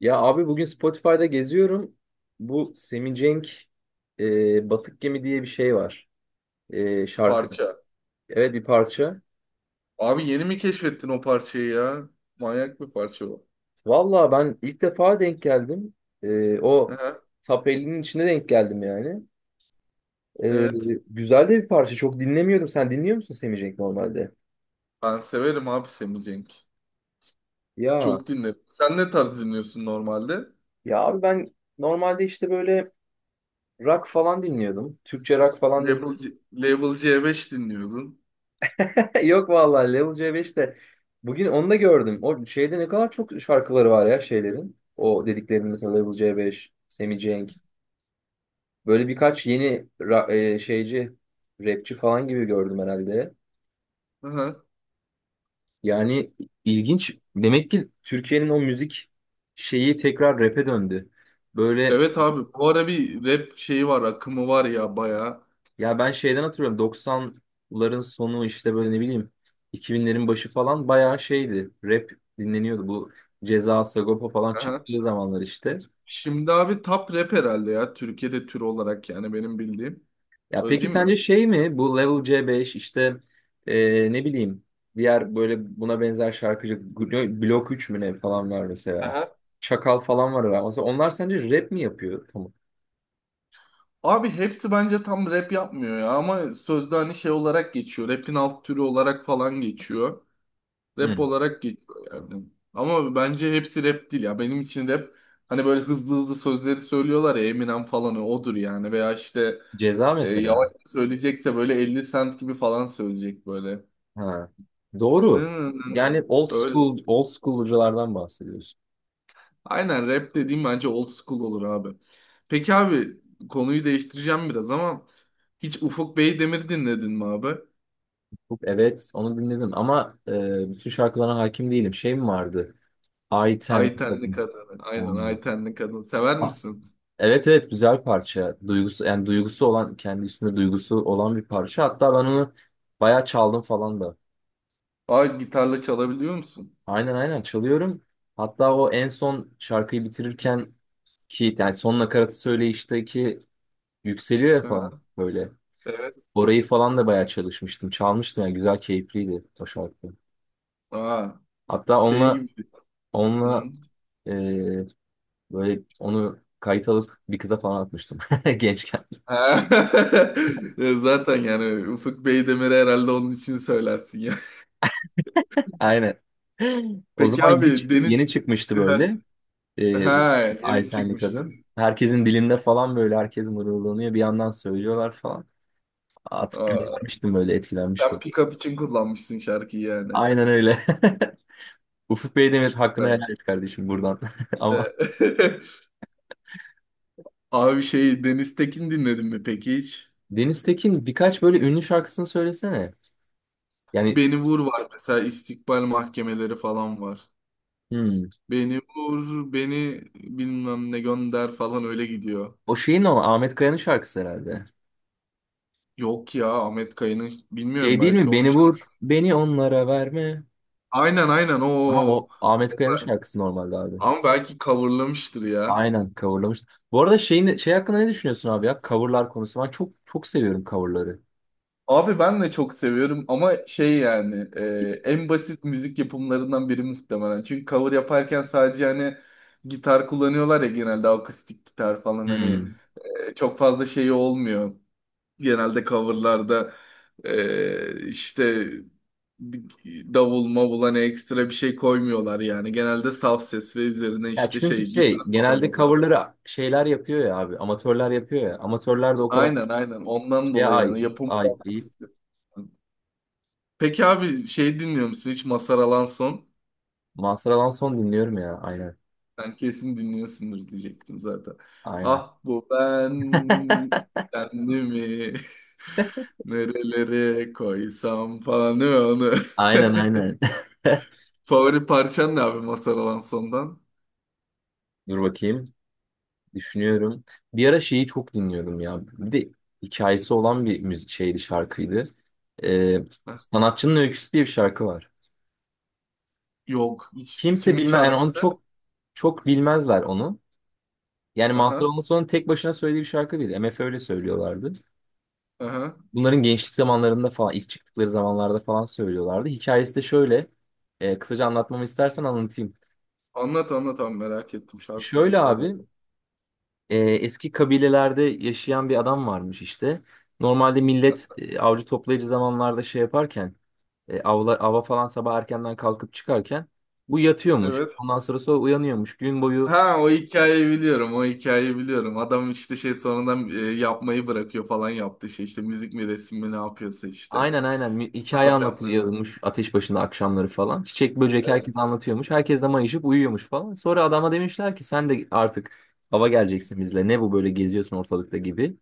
Ya abi bugün Spotify'da geziyorum. Bu Semi Cenk Batık Gemi diye bir şey var. Şarkı. Parça. Evet, bir parça. Abi yeni mi keşfettin o parçayı ya? Manyak bir parça o. Valla ben ilk defa denk geldim. O Aha, Top 50'nin içine denk geldim yani. E, evet. güzel de bir parça. Çok dinlemiyordum. Sen dinliyor musun Semi Cenk normalde? Ben severim abi Sammy Cenk. Ya. Çok dinlerim. Sen ne tarz dinliyorsun normalde? Ya abi ben normalde işte böyle rock falan dinliyordum. Türkçe rock falan dinliyordum. Label C5 dinliyordun. Yok vallahi Level C5 bugün onu da gördüm. O şeyde ne kadar çok şarkıları var ya şeylerin. O dediklerinin mesela Level C5, Sammy Cenk. Böyle birkaç yeni şeyci, rapçi falan gibi gördüm herhalde. Aha. Yani ilginç. Demek ki Türkiye'nin o müzik şeyi tekrar rap'e döndü. Böyle. Evet abi bu ara bir rap şeyi var akımı var ya bayağı. Ya ben şeyden hatırlıyorum, 90'ların sonu işte böyle ne bileyim 2000'lerin başı falan bayağı şeydi. Rap dinleniyordu, bu Ceza, Sagopa falan Aha. çıktığı zamanlar işte. Şimdi abi top rap herhalde ya Türkiye'de tür olarak yani benim bildiğim. Ya Öyle peki değil mi? sence şey mi, bu Level C5 işte ne bileyim diğer böyle buna benzer şarkıcı Blok 3 mü ne falan var mesela. Aha. Çakal falan var ya. Mesela onlar sence rap mi yapıyor? Tamam. Abi hepsi bence tam rap yapmıyor ya ama sözde hani şey olarak geçiyor. Rap'in alt türü olarak falan geçiyor. Rap Hı. olarak geçiyor yani. Ama bence hepsi rap değil ya. Benim için rap hani böyle hızlı hızlı sözleri söylüyorlar ya Eminem falan odur yani. Veya işte Ceza mesela. yavaş söyleyecekse böyle 50 Cent gibi falan söyleyecek böyle. Ha. Nı Doğru. nı nı nı. Yani old Öyle. school, old school'culardan bahsediyorsun. Aynen rap dediğim bence old school olur abi. Peki abi konuyu değiştireceğim biraz ama hiç Ufuk Beydemir'i dinledin mi abi? Hook, evet, onu dinledim ama bütün şarkılarına hakim değilim. Şey mi vardı? I Ten. Aytenli Kadın. Aynen Aynen. Aytenli Kadın. Sever Ah, misin? evet, evet, güzel parça. Duygusu, yani duygusu olan, kendi üstünde duygusu olan bir parça. Hatta ben onu bayağı çaldım falan da. Aa gitarla çalabiliyor musun? Aynen, aynen, çalıyorum. Hatta o en son şarkıyı bitirirken ki yani son nakaratı söyleyişteki yükseliyor ya Sever. falan böyle. Evet. Orayı falan da bayağı çalışmıştım. Çalmıştım yani, güzel keyifliydi o şarkı. Aa. Hatta Şey onunla gibi. Hı. onunla e, Böyle onu kayıt alıp bir kıza falan atmıştım gençken. Ha. Ya zaten yani Ufuk Beydemir'i herhalde onun için söylersin ya. Aynen. O Peki zaman yeni, abi Deniz yeni çıkmıştı böyle. E, ha yeni Aytenli çıkmıştı. kadın. Herkesin dilinde falan, böyle herkes mırıldanıyor. Bir yandan söylüyorlar falan. Atıp Aa, göndermiştim, böyle sen etkilenmiştim. pick-up için kullanmışsın şarkıyı yani. Aynen öyle. Ufuk Beydemir hakkını Evet. helal et kardeşim buradan. Ama Ee, Abi şey Deniz Tekin dinledin mi peki hiç? Deniz Tekin, birkaç böyle ünlü şarkısını söylesene. Yani Beni Vur var mesela istikbal mahkemeleri falan var. hmm, Beni vur, beni bilmem ne gönder falan öyle gidiyor. o şeyin, o Ahmet Kaya'nın şarkısı herhalde. Yok ya Ahmet Kaya'nın bilmiyorum Şey değil mi? belki onun Beni vur, şarkısı. beni onlara verme. Aynen aynen Tamam, o. o Ahmet Kaya'nın şarkısı normalde abi. Ama belki coverlamıştır ya. Aynen, coverlamış. Bu arada şey hakkında ne düşünüyorsun abi ya? Coverlar konusu. Ben çok çok seviyorum coverları. Abi ben de çok seviyorum ama şey yani en basit müzik yapımlarından biri muhtemelen. Çünkü cover yaparken sadece hani gitar kullanıyorlar ya genelde akustik gitar falan hani Hmm. Çok fazla şey olmuyor. Genelde coverlarda işte davul mavul hani ekstra bir şey koymuyorlar yani. Genelde saf ses ve üzerine Ya işte çünkü şey gitar şey, falan genelde oluyor. coverları şeyler yapıyor ya abi. Amatörler yapıyor ya. Amatörler de o kadar Aynen aynen ondan şeye dolayı ait, yani yapım ait değil. basit. Peki abi şey dinliyor musun hiç Mazhar Alanson? Mazhar Alanson dinliyorum ya. Aynen. Sen kesin dinliyorsundur diyecektim zaten. Aynen. Ah bu ben kendimi nerelere koysam falan değil mi onu? Aynen, aynen. Favori parçan ne abi Mazhar Alanson'dan? Dur bakayım. Düşünüyorum. Bir ara şeyi çok dinliyordum ya. Bir de hikayesi olan bir müzik şeydi, şarkıydı. Ee, Heh, Sanatçının Öyküsü diye bir şarkı var. yok hiç. Kimse Kimin bilmez. Yani onu şarkısı? çok çok bilmezler onu. Yani Mazhar Aha Alamazsoğlu'nun tek başına söylediği bir şarkı değil. MF öyle söylüyorlardı. aha. Bunların gençlik zamanlarında falan, ilk çıktıkları zamanlarda falan söylüyorlardı. Hikayesi de şöyle. Kısaca anlatmamı istersen anlatayım. Anlat anlat abi merak ettim şarkı Şöyle abi, hikayesi. Eski kabilelerde yaşayan bir adam varmış işte. Normalde millet avcı toplayıcı zamanlarda şey yaparken, ava falan sabah erkenden kalkıp çıkarken bu yatıyormuş. Evet. Ondan sonra uyanıyormuş. Gün boyu. Ha o hikayeyi biliyorum. O hikayeyi biliyorum. Adam işte şey sonradan yapmayı bırakıyor falan yaptı şey işte müzik mi resim mi ne yapıyorsa işte. Aynen, aynen, hikaye Sanat yapmayı bırakıyor. anlatılıyormuş ateş başında akşamları falan. Çiçek böcek Evet. herkes anlatıyormuş. Herkes de mayışıp uyuyormuş falan. Sonra adama demişler ki sen de artık ava geleceksin bizle. Ne bu böyle geziyorsun ortalıkta gibi.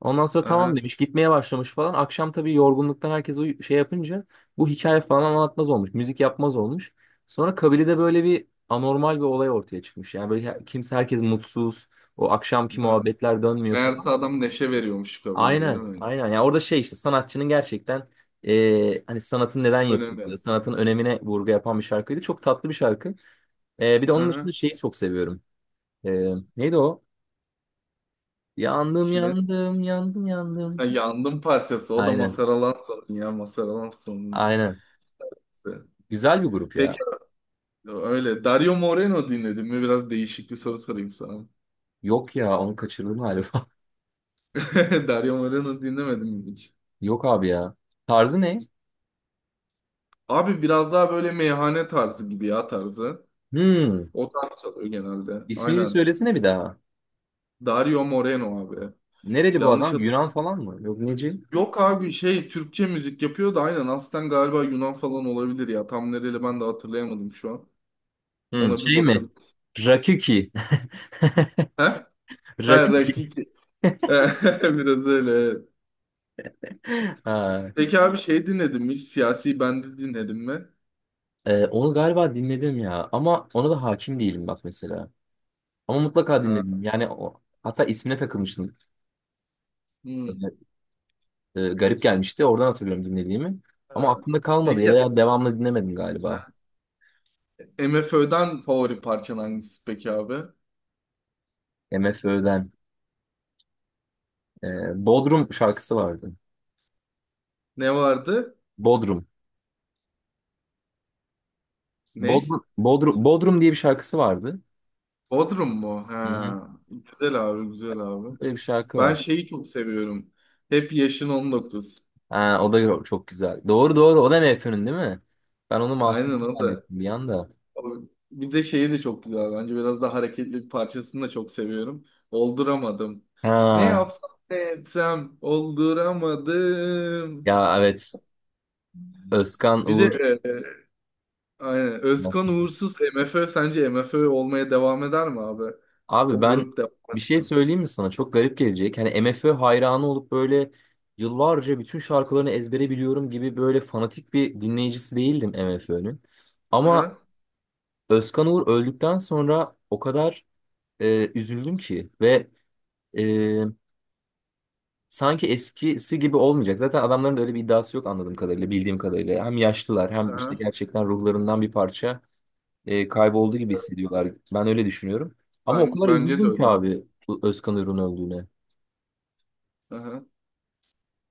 Ondan sonra tamam Aha. demiş, gitmeye başlamış falan. Akşam tabii yorgunluktan herkes şey yapınca bu hikaye falan anlatmaz olmuş. Müzik yapmaz olmuş. Sonra kabilede böyle bir anormal bir olay ortaya çıkmış. Yani böyle her- kimse herkes mutsuz. O akşamki Hı. muhabbetler dönmüyor Meğerse falan. adam neşe veriyormuş kabileye değil Aynen, mi? aynen. Ya orada şey, işte sanatçının gerçekten hani sanatın neden Önemli. yapıldığı, sanatın önemine vurgu yapan bir şarkıydı. Çok tatlı bir şarkı. Bir de onun Aha. dışında şeyi çok seviyorum. E, neydi o? Yandım, Kimin? yandım, yandım, Ha, yandım. yandım parçası. O da Aynen, Mazhar Alanso'nun ya Mazhar Alanso'nun. aynen. Güzel bir grup Peki ya. öyle. Dario Moreno dinledin mi? Biraz değişik bir soru sorayım sana. Yok ya, onu kaçırdım galiba. Dario Moreno dinlemedim mi? Yok abi ya. Tarzı ne? Abi biraz daha böyle meyhane tarzı gibi ya tarzı. Hmm. O tarz çalıyor genelde. İsmini bir Aynen. söylesene bir daha. Dario Moreno abi. Nereli bu Yanlış adam? hat Yunan falan mı? Yok, neci? Yok abi şey Türkçe müzik yapıyor da aynen aslen galiba Yunan falan olabilir ya. Tam nereli ben de hatırlayamadım şu an. Hmm, Ona bir şey mi? bakabiliriz. Rakuki. He? Ha, Rakuki. Rakiki. Biraz öyle, evet. Ha. Peki abi şey dinledim mi? Hiç Siyasi Bendi dinledim mi? Onu galiba dinledim ya, ama ona da hakim değilim bak mesela. Ama mutlaka Ha. dinledim. Yani o, hatta ismine takılmıştım. Hmm. Böyle, garip gelmişti. Oradan hatırlıyorum dinlediğimi. Ama Ha. aklımda kalmadı Peki veya devamlı dinlemedim galiba. MFÖ'den favori parçan hangisi peki abi? MFÖ'den. Bodrum şarkısı vardı. Ne vardı? Bodrum. Ney? Bodrum, Bodrum, Bodrum diye bir şarkısı vardı. Bodrum mu? Hı hı. Ha. Güzel abi, güzel abi. Böyle bir şarkı Ben var. şeyi çok seviyorum. Hep yaşın 19. Ha, o da çok güzel. Doğru, doğru. O da MFÖ'nün değil mi? Ben onu Masum'dan Aynen o da. zannettim bir anda. O- Bir de şeyi de çok güzel bence. Biraz daha hareketli bir parçasını da çok seviyorum. Olduramadım. Ne Ha, yapsam ne etsem olduramadım. ya evet. Özkan Bir de Uğur. e, aynen. Özkan Uğursuz MFÖ sence M F MFÖ olmaya devam eder mi abi? Abi O ben grup devam bir şey eder mi? söyleyeyim mi sana? Çok garip gelecek. Hani MFÖ hayranı olup böyle yıllarca bütün şarkılarını ezbere biliyorum gibi böyle fanatik bir dinleyicisi değildim MFÖ'nün. Ama Aha, Özkan Uğur öldükten sonra o kadar üzüldüm ki, ve e, sanki eskisi gibi olmayacak. Zaten adamların da öyle bir iddiası yok anladığım kadarıyla, bildiğim kadarıyla. Hem yaşlılar, hem işte aha. gerçekten ruhlarından bir parça kaybolduğu gibi hissediyorlar. Ben öyle düşünüyorum. Ama o kadar Bence de üzüldüm öyle, ki abi. abi, bu Özkan Uğur'un öldüğüne. Aha.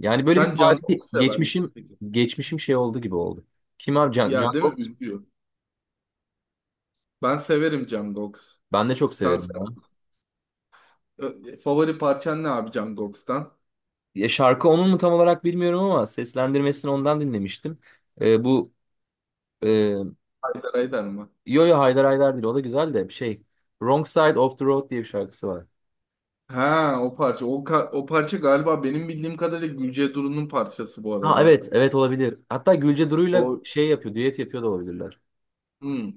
Yani böyle bir Sen Can tarihi Koks sever misin geçmişim, peki? Şey oldu gibi oldu. Kim abi, Can, Ya değil Jungkook? mi? Üzüyor. Ben severim Jungkook. Ben de çok Sen se- severim ya. Favori parçan ne abi Jungkook'tan? Ya şarkı onun mu tam olarak bilmiyorum ama seslendirmesini ondan dinlemiştim. Bu e, Haydar Haydar mı? yo yo, Haydar Haydar değil, o da güzel de şey, Wrong Side of the Road diye bir şarkısı var. Ha o parça. O parça galiba benim bildiğim kadarıyla Gülce Duru'nun parçası bu Ha arada. evet, evet, olabilir. Hatta Gülce Duru'yla O şey yapıyor, düet yapıyor da olabilirler. hmm.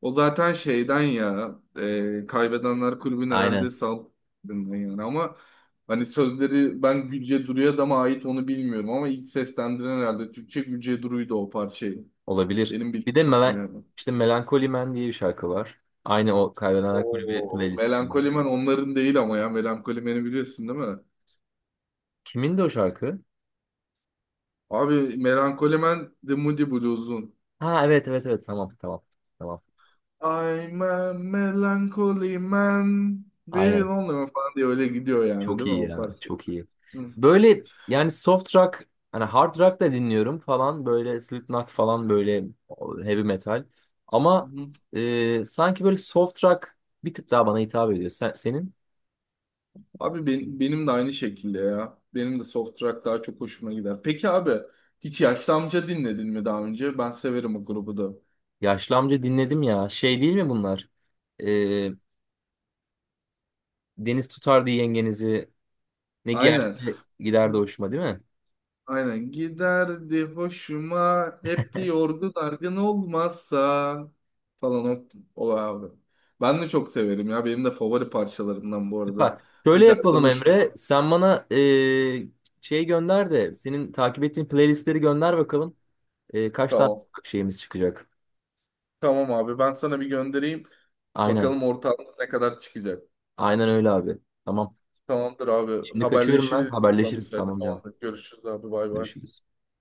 O zaten şeyden ya Kaybedenler Kulübü'nün herhalde Aynen, saldırından yani ama hani sözleri ben Gülce Duru'ya da mı ait onu bilmiyorum ama ilk seslendiren herhalde Türkçe Gülce Duru'ydu o parçayı. olabilir. Benim bildiğim Bir de kadarıyla, yani. işte Melancholy Man diye bir şarkı var. Aynı o Kaybedenler Kulübü Oo, playlistinde. Melankolimen onların değil ama ya. Melankolimen'i biliyorsun değil mi? Kimin de o şarkı? Abi Melankolimen The Moody Blues'un. Ha evet, evet, evet, tamam, tamam, tamam. I'm a melancholy man. Very Aynen. lonely man falan diye öyle gidiyor yani Çok değil mi iyi o ya. parça? Çok iyi. Hı. Böyle yani soft rock, hani hard rock da dinliyorum falan, böyle Slipknot falan böyle heavy metal. Ama Hı. Sanki böyle soft rock bir tık daha bana hitap ediyor. Sen, Abi benim de aynı şekilde ya. Benim de soft rock daha çok hoşuma gider. Peki abi hiç Yaşlı Amca dinledin mi daha önce? Ben severim o grubu da. Yaşlı Amca dinledim ya. Şey değil mi bunlar? E, Deniz tutardı yengenizi. Ne giyerse Aynen. giderdi hoşuma değil mi? Aynen giderdi hoşuma hep de yorgun argın olmazsa falan o abi. Ben de çok severim ya benim de favori parçalarımdan bu arada. Bak şöyle Giderdi yapalım Emre. hoşuma. Sen bana şey gönder de, senin takip ettiğin playlistleri gönder bakalım. Kaç tane Tamam. şeyimiz çıkacak. Tamam abi ben sana bir göndereyim. Aynen. Bakalım ortağımız ne kadar çıkacak. Aynen öyle abi. Tamam. Tamamdır abi Şimdi kaçıyorum ben. haberleşiriz. Tamam, Haberleşiriz. müsait. Tamam canım. Tamamdır görüşürüz abi bay bay. Görüşürüz.